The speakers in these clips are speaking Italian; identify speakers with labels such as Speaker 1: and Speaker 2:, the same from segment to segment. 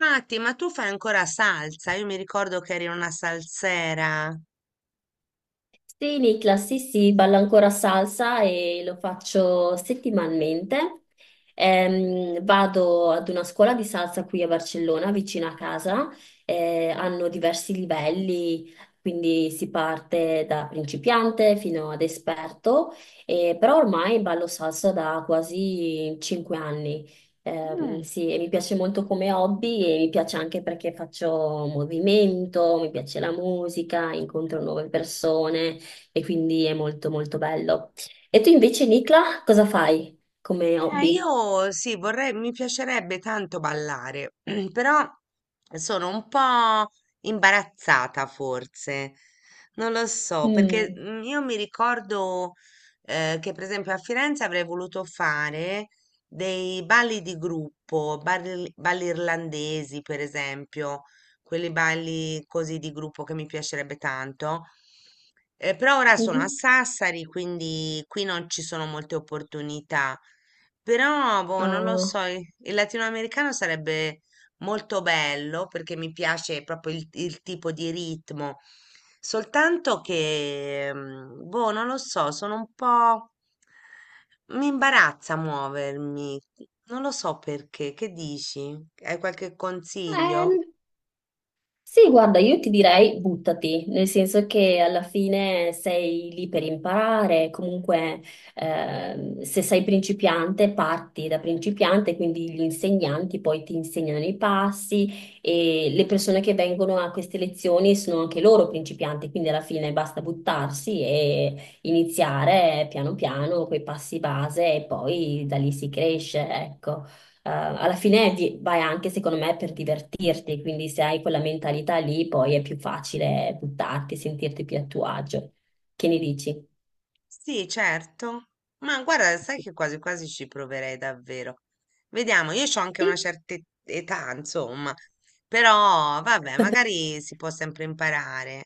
Speaker 1: Matti, ma tu fai ancora salsa? Io mi ricordo che eri una salsera.
Speaker 2: Sì, Niklas, sì, sì, ballo ancora salsa e lo faccio settimanalmente. Vado ad una scuola di salsa qui a Barcellona, vicino a casa. Hanno diversi livelli, quindi si parte da principiante fino ad esperto. Però ormai ballo salsa da quasi 5 anni. Ehm,
Speaker 1: Mm.
Speaker 2: sì, e mi piace molto come hobby e mi piace anche perché faccio movimento, mi piace la musica, incontro nuove persone e quindi è molto molto bello. E tu invece, Nicla, cosa fai come hobby?
Speaker 1: Io sì, vorrei, mi piacerebbe tanto ballare, però sono un po' imbarazzata forse. Non lo so, perché
Speaker 2: Mm.
Speaker 1: io mi ricordo che per esempio a Firenze avrei voluto fare dei balli di gruppo, balli irlandesi per esempio, quelli balli così di gruppo che mi piacerebbe tanto. Però ora sono a
Speaker 2: Mhm.
Speaker 1: Sassari, quindi qui non ci sono molte opportunità. Però, boh, non lo
Speaker 2: Ah,
Speaker 1: so, il latinoamericano sarebbe molto bello perché mi piace proprio il tipo di ritmo. Soltanto che, boh, non lo so, sono un po'... Mi imbarazza muovermi. Non lo so perché. Che dici? Hai qualche
Speaker 2: ehm,
Speaker 1: consiglio?
Speaker 2: Sì, guarda, io ti direi buttati, nel senso che alla fine sei lì per imparare, comunque se sei principiante parti da principiante, quindi gli insegnanti poi ti insegnano i passi e le persone che vengono a queste lezioni sono anche loro principianti, quindi alla fine basta buttarsi e iniziare piano piano quei passi base e poi da lì si cresce, ecco. Alla fine vai anche, secondo me, per divertirti, quindi se hai quella mentalità lì, poi è più facile buttarti, sentirti più a tuo agio. Che ne dici?
Speaker 1: Sì, certo. Ma guarda, sai che quasi quasi ci proverei davvero. Vediamo, io ho anche una
Speaker 2: Sì.
Speaker 1: certa età, insomma, però vabbè, magari si può sempre imparare.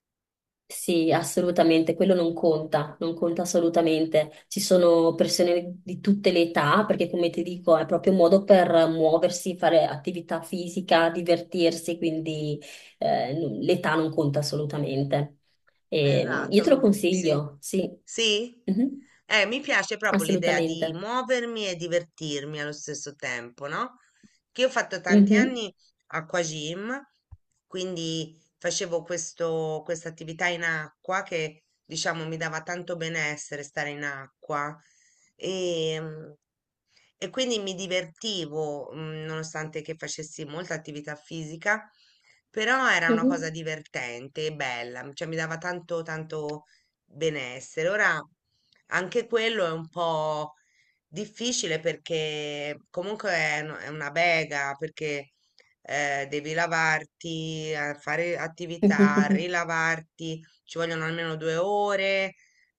Speaker 2: Sì, assolutamente, quello non conta, non conta assolutamente. Ci sono persone di tutte le età, perché come ti dico, è proprio un modo per muoversi, fare attività fisica, divertirsi, quindi l'età non conta assolutamente. E, io
Speaker 1: Esatto,
Speaker 2: te
Speaker 1: mm,
Speaker 2: lo
Speaker 1: sì.
Speaker 2: consiglio, sì.
Speaker 1: Sì?
Speaker 2: Mhm.
Speaker 1: Mi piace proprio l'idea di
Speaker 2: Assolutamente.
Speaker 1: muovermi e divertirmi allo stesso tempo, no? Che io ho fatto tanti
Speaker 2: Mhm,
Speaker 1: anni acquagym, quindi facevo questa attività in acqua che, diciamo, mi dava tanto benessere stare in acqua. E, e quindi mi divertivo, nonostante che facessi molta attività fisica, però era una cosa
Speaker 2: mhm.
Speaker 1: divertente e bella, cioè mi dava tanto benessere. Ora anche quello è un po' difficile perché comunque è una bega, perché devi lavarti, fare attività, rilavarti, ci vogliono almeno 2 ore,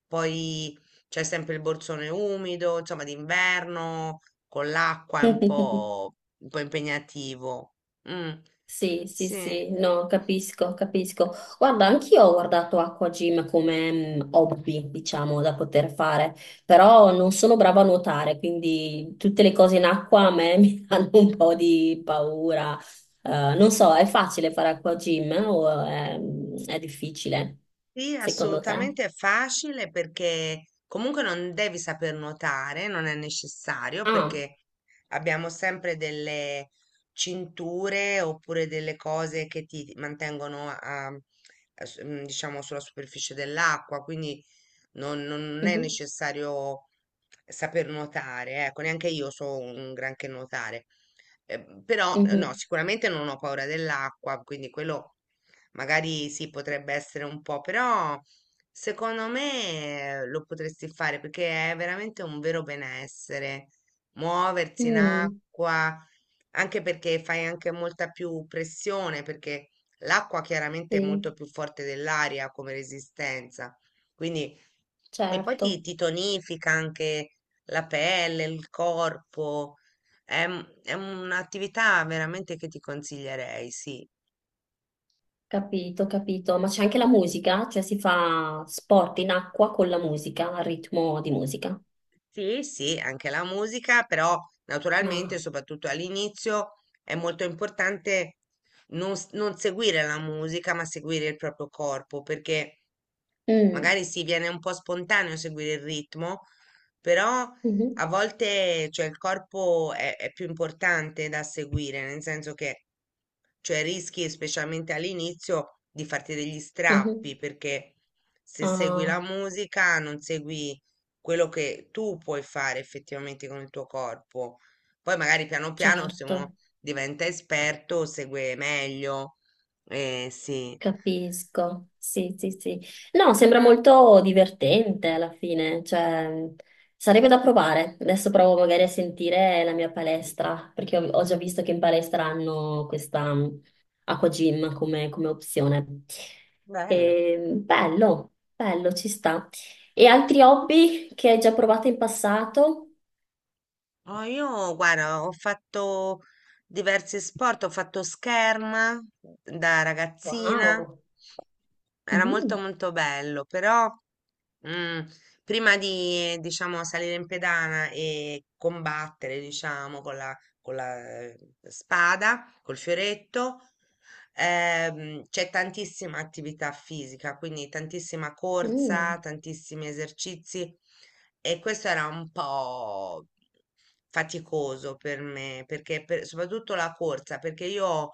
Speaker 1: poi c'è sempre il borsone umido, insomma, d'inverno con l'acqua è un po' impegnativo. Mm,
Speaker 2: Sì, sì,
Speaker 1: sì.
Speaker 2: sì, no, capisco, capisco. Guarda, anch'io ho guardato acquagym come hobby, diciamo, da poter fare, però non sono brava a nuotare, quindi tutte le cose in acqua a me mi danno un po' di paura. Non so, è facile fare acquagym o è difficile,
Speaker 1: Sì,
Speaker 2: secondo te?
Speaker 1: assolutamente è facile perché comunque non devi saper nuotare, non è necessario
Speaker 2: Ah,
Speaker 1: perché abbiamo sempre delle cinture oppure delle cose che ti mantengono diciamo sulla superficie dell'acqua, quindi non è
Speaker 2: mhm,
Speaker 1: necessario saper nuotare, ecco, neanche io so un granché nuotare. Però No,
Speaker 2: mhm.
Speaker 1: sicuramente non ho paura dell'acqua, quindi quello magari sì, potrebbe essere un po', però secondo me lo potresti fare perché è veramente un vero benessere muoversi in
Speaker 2: Mm,
Speaker 1: acqua, anche perché fai anche molta più pressione, perché l'acqua chiaramente è molto
Speaker 2: sì,
Speaker 1: più forte dell'aria come resistenza. Quindi, e poi
Speaker 2: certo.
Speaker 1: ti tonifica anche la pelle, il corpo. È un'attività veramente che ti consiglierei, sì.
Speaker 2: Capito, capito. Ma c'è anche la musica? Cioè si fa sport in acqua con la musica, al ritmo di musica.
Speaker 1: Sì, sì, anche la musica, però naturalmente,
Speaker 2: Ah.
Speaker 1: soprattutto all'inizio, è molto importante non seguire la musica, ma seguire il proprio corpo, perché
Speaker 2: Mm.
Speaker 1: magari si viene un po' spontaneo seguire il ritmo, però
Speaker 2: Mhm,
Speaker 1: a volte, cioè, è più importante da seguire, nel senso che, cioè, rischi, specialmente all'inizio, di farti degli
Speaker 2: mhm.
Speaker 1: strappi, perché se segui la
Speaker 2: Ah,
Speaker 1: musica non segui quello che tu puoi fare effettivamente con il tuo corpo. Poi magari piano piano se uno
Speaker 2: certo.
Speaker 1: diventa esperto, segue meglio. Eh sì.
Speaker 2: Capisco, sì, sì, sì. No, sembra
Speaker 1: Mhm.
Speaker 2: molto divertente alla fine, cioè sarebbe da provare. Adesso provo magari a sentire la mia palestra, perché ho già visto che in palestra hanno questa acqua gym come opzione.
Speaker 1: Bello.
Speaker 2: E, bello, bello, ci sta. E altri hobby che hai già provato in passato?
Speaker 1: Oh, io guarda, ho fatto diversi sport, ho fatto scherma da ragazzina,
Speaker 2: Wow.
Speaker 1: era molto
Speaker 2: Mhm,
Speaker 1: molto bello, però mm, prima di diciamo salire in pedana e combattere, diciamo, con la spada, col fioretto. C'è tantissima attività fisica, quindi tantissima corsa,
Speaker 2: mm,
Speaker 1: tantissimi esercizi e questo era un po' faticoso per me, perché soprattutto la corsa, perché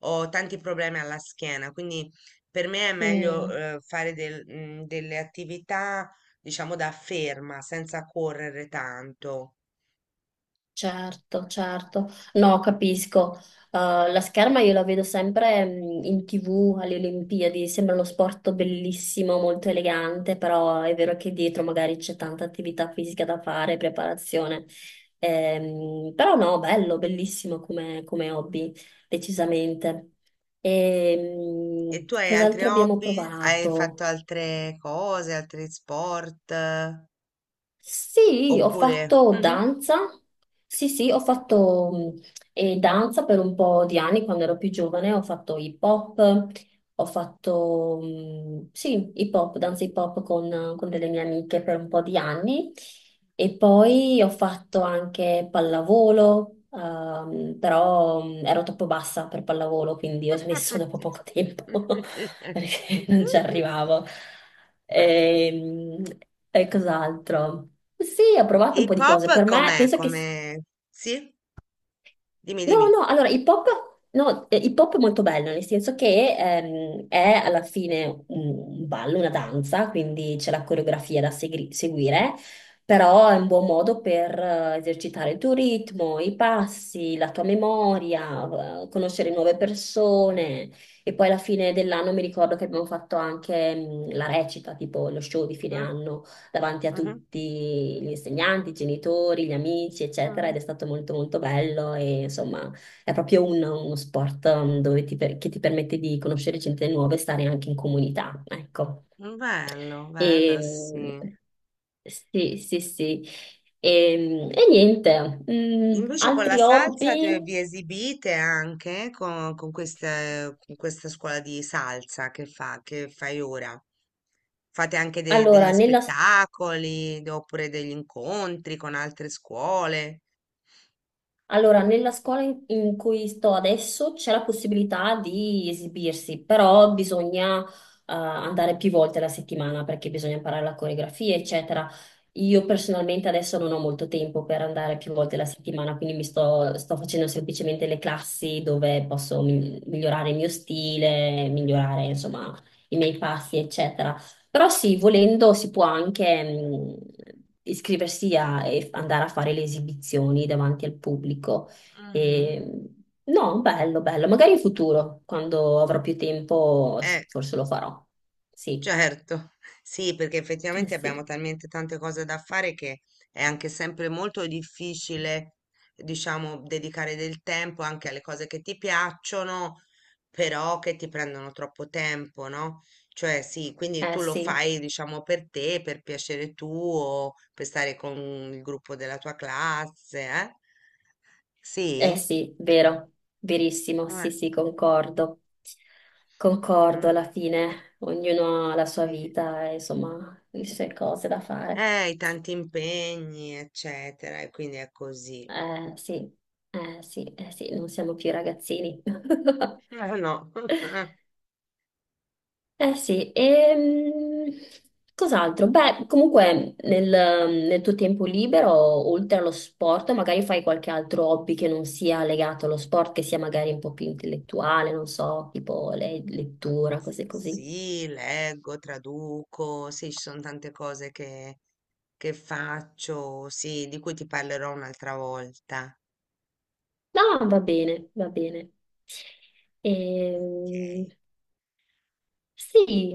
Speaker 1: ho tanti problemi alla schiena, quindi per me è meglio
Speaker 2: mm.
Speaker 1: delle attività, diciamo, da ferma, senza correre tanto.
Speaker 2: Certo, certo. No, capisco. La scherma io la vedo sempre in TV alle Olimpiadi, sembra uno sport bellissimo, molto elegante, però è vero che dietro magari c'è tanta attività fisica da fare, preparazione. Però no, bello, bellissimo come, come hobby, decisamente. E,
Speaker 1: E tu hai altri
Speaker 2: cos'altro abbiamo
Speaker 1: hobby? Hai fatto
Speaker 2: provato?
Speaker 1: altre cose, altri sport?
Speaker 2: Sì, ho
Speaker 1: Oppure
Speaker 2: fatto
Speaker 1: Mh-mh.
Speaker 2: danza. Sì, sì, ho fatto mh, danza per un po' di anni quando ero più giovane. Ho fatto hip hop, ho fatto sì, hip hop, danza hip hop con delle mie amiche per un po' di anni. E poi ho fatto anche pallavolo, però ero troppo bassa per pallavolo, quindi ho smesso dopo poco tempo
Speaker 1: Eh.
Speaker 2: perché non ci arrivavo. Ehm, E, cos'altro? Sì, ho provato un po'
Speaker 1: Hip
Speaker 2: di
Speaker 1: hop
Speaker 2: cose. Per me,
Speaker 1: com'è?
Speaker 2: penso che...
Speaker 1: Come sì? Dimmi,
Speaker 2: No,
Speaker 1: dimmi.
Speaker 2: no, allora, hip hop, no, hip hop è molto bello, nel senso che è alla fine un ballo, una danza, quindi c'è la coreografia da seguire, però è un buon modo per esercitare il tuo ritmo, i passi, la tua memoria, conoscere nuove persone. E poi alla fine dell'anno mi ricordo che abbiamo fatto anche la recita, tipo lo show di fine
Speaker 1: Mh.
Speaker 2: anno davanti a
Speaker 1: Mh-mh.
Speaker 2: tutti gli insegnanti, i genitori, gli amici, eccetera,
Speaker 1: Mh.
Speaker 2: ed è stato molto molto bello e insomma è proprio uno sport dove che ti permette di conoscere gente nuova e stare anche in comunità, ecco.
Speaker 1: Bello, bello, sì.
Speaker 2: E, sì, sì, sì. E niente,
Speaker 1: Invece con la
Speaker 2: altri
Speaker 1: salsa te
Speaker 2: hobby?
Speaker 1: vi esibite anche co con queste con questa scuola di salsa che fa che fai ora? Fate anche de degli
Speaker 2: Allora, nella,
Speaker 1: spettacoli, d oppure degli incontri con altre scuole?
Speaker 2: Allora, nella scuola in cui sto adesso c'è la possibilità di esibirsi, però bisogna andare più volte la settimana perché bisogna imparare la coreografia, eccetera. Io personalmente adesso non ho molto tempo per andare più volte la settimana, quindi mi sto facendo semplicemente le classi dove posso migliorare il mio stile, migliorare, insomma, i miei passi, eccetera. Però sì, volendo si può anche iscriversi e andare a fare le esibizioni davanti al pubblico.
Speaker 1: Mh-mh.
Speaker 2: E, no, bello, bello. Magari in futuro, quando avrò più tempo,
Speaker 1: Eh.
Speaker 2: forse lo farò. Sì,
Speaker 1: Certo, sì, perché
Speaker 2: eh
Speaker 1: effettivamente abbiamo
Speaker 2: sì,
Speaker 1: talmente tante cose da fare che è anche sempre molto difficile, diciamo, dedicare del tempo anche alle cose che ti piacciono, però che ti prendono troppo tempo, no? Cioè, sì, quindi
Speaker 2: eh
Speaker 1: tu lo
Speaker 2: sì,
Speaker 1: fai, diciamo, per te, per piacere tuo, per stare con il gruppo della tua classe, eh?
Speaker 2: eh
Speaker 1: Sì?
Speaker 2: sì, vero, verissimo, sì,
Speaker 1: Ah,
Speaker 2: sì, concordo. Concordo
Speaker 1: mm,
Speaker 2: alla fine, ognuno ha la sua
Speaker 1: sì.
Speaker 2: vita, e, insomma, le sue cose da fare.
Speaker 1: I tanti impegni, eccetera, e quindi è così.
Speaker 2: Eh sì, eh sì, eh sì, non siamo più ragazzini.
Speaker 1: No.
Speaker 2: Eh sì, e cos'altro? Beh, comunque nel tuo tempo libero, oltre allo sport, magari fai qualche altro hobby che non sia legato allo sport, che sia magari un po' più intellettuale, non so, tipo lettura, cose così.
Speaker 1: Sì, leggo, traduco, sì, ci sono tante cose che faccio, sì, di cui ti parlerò un'altra volta.
Speaker 2: No, va bene, va bene. Ehm,
Speaker 1: Ok.
Speaker 2: sì.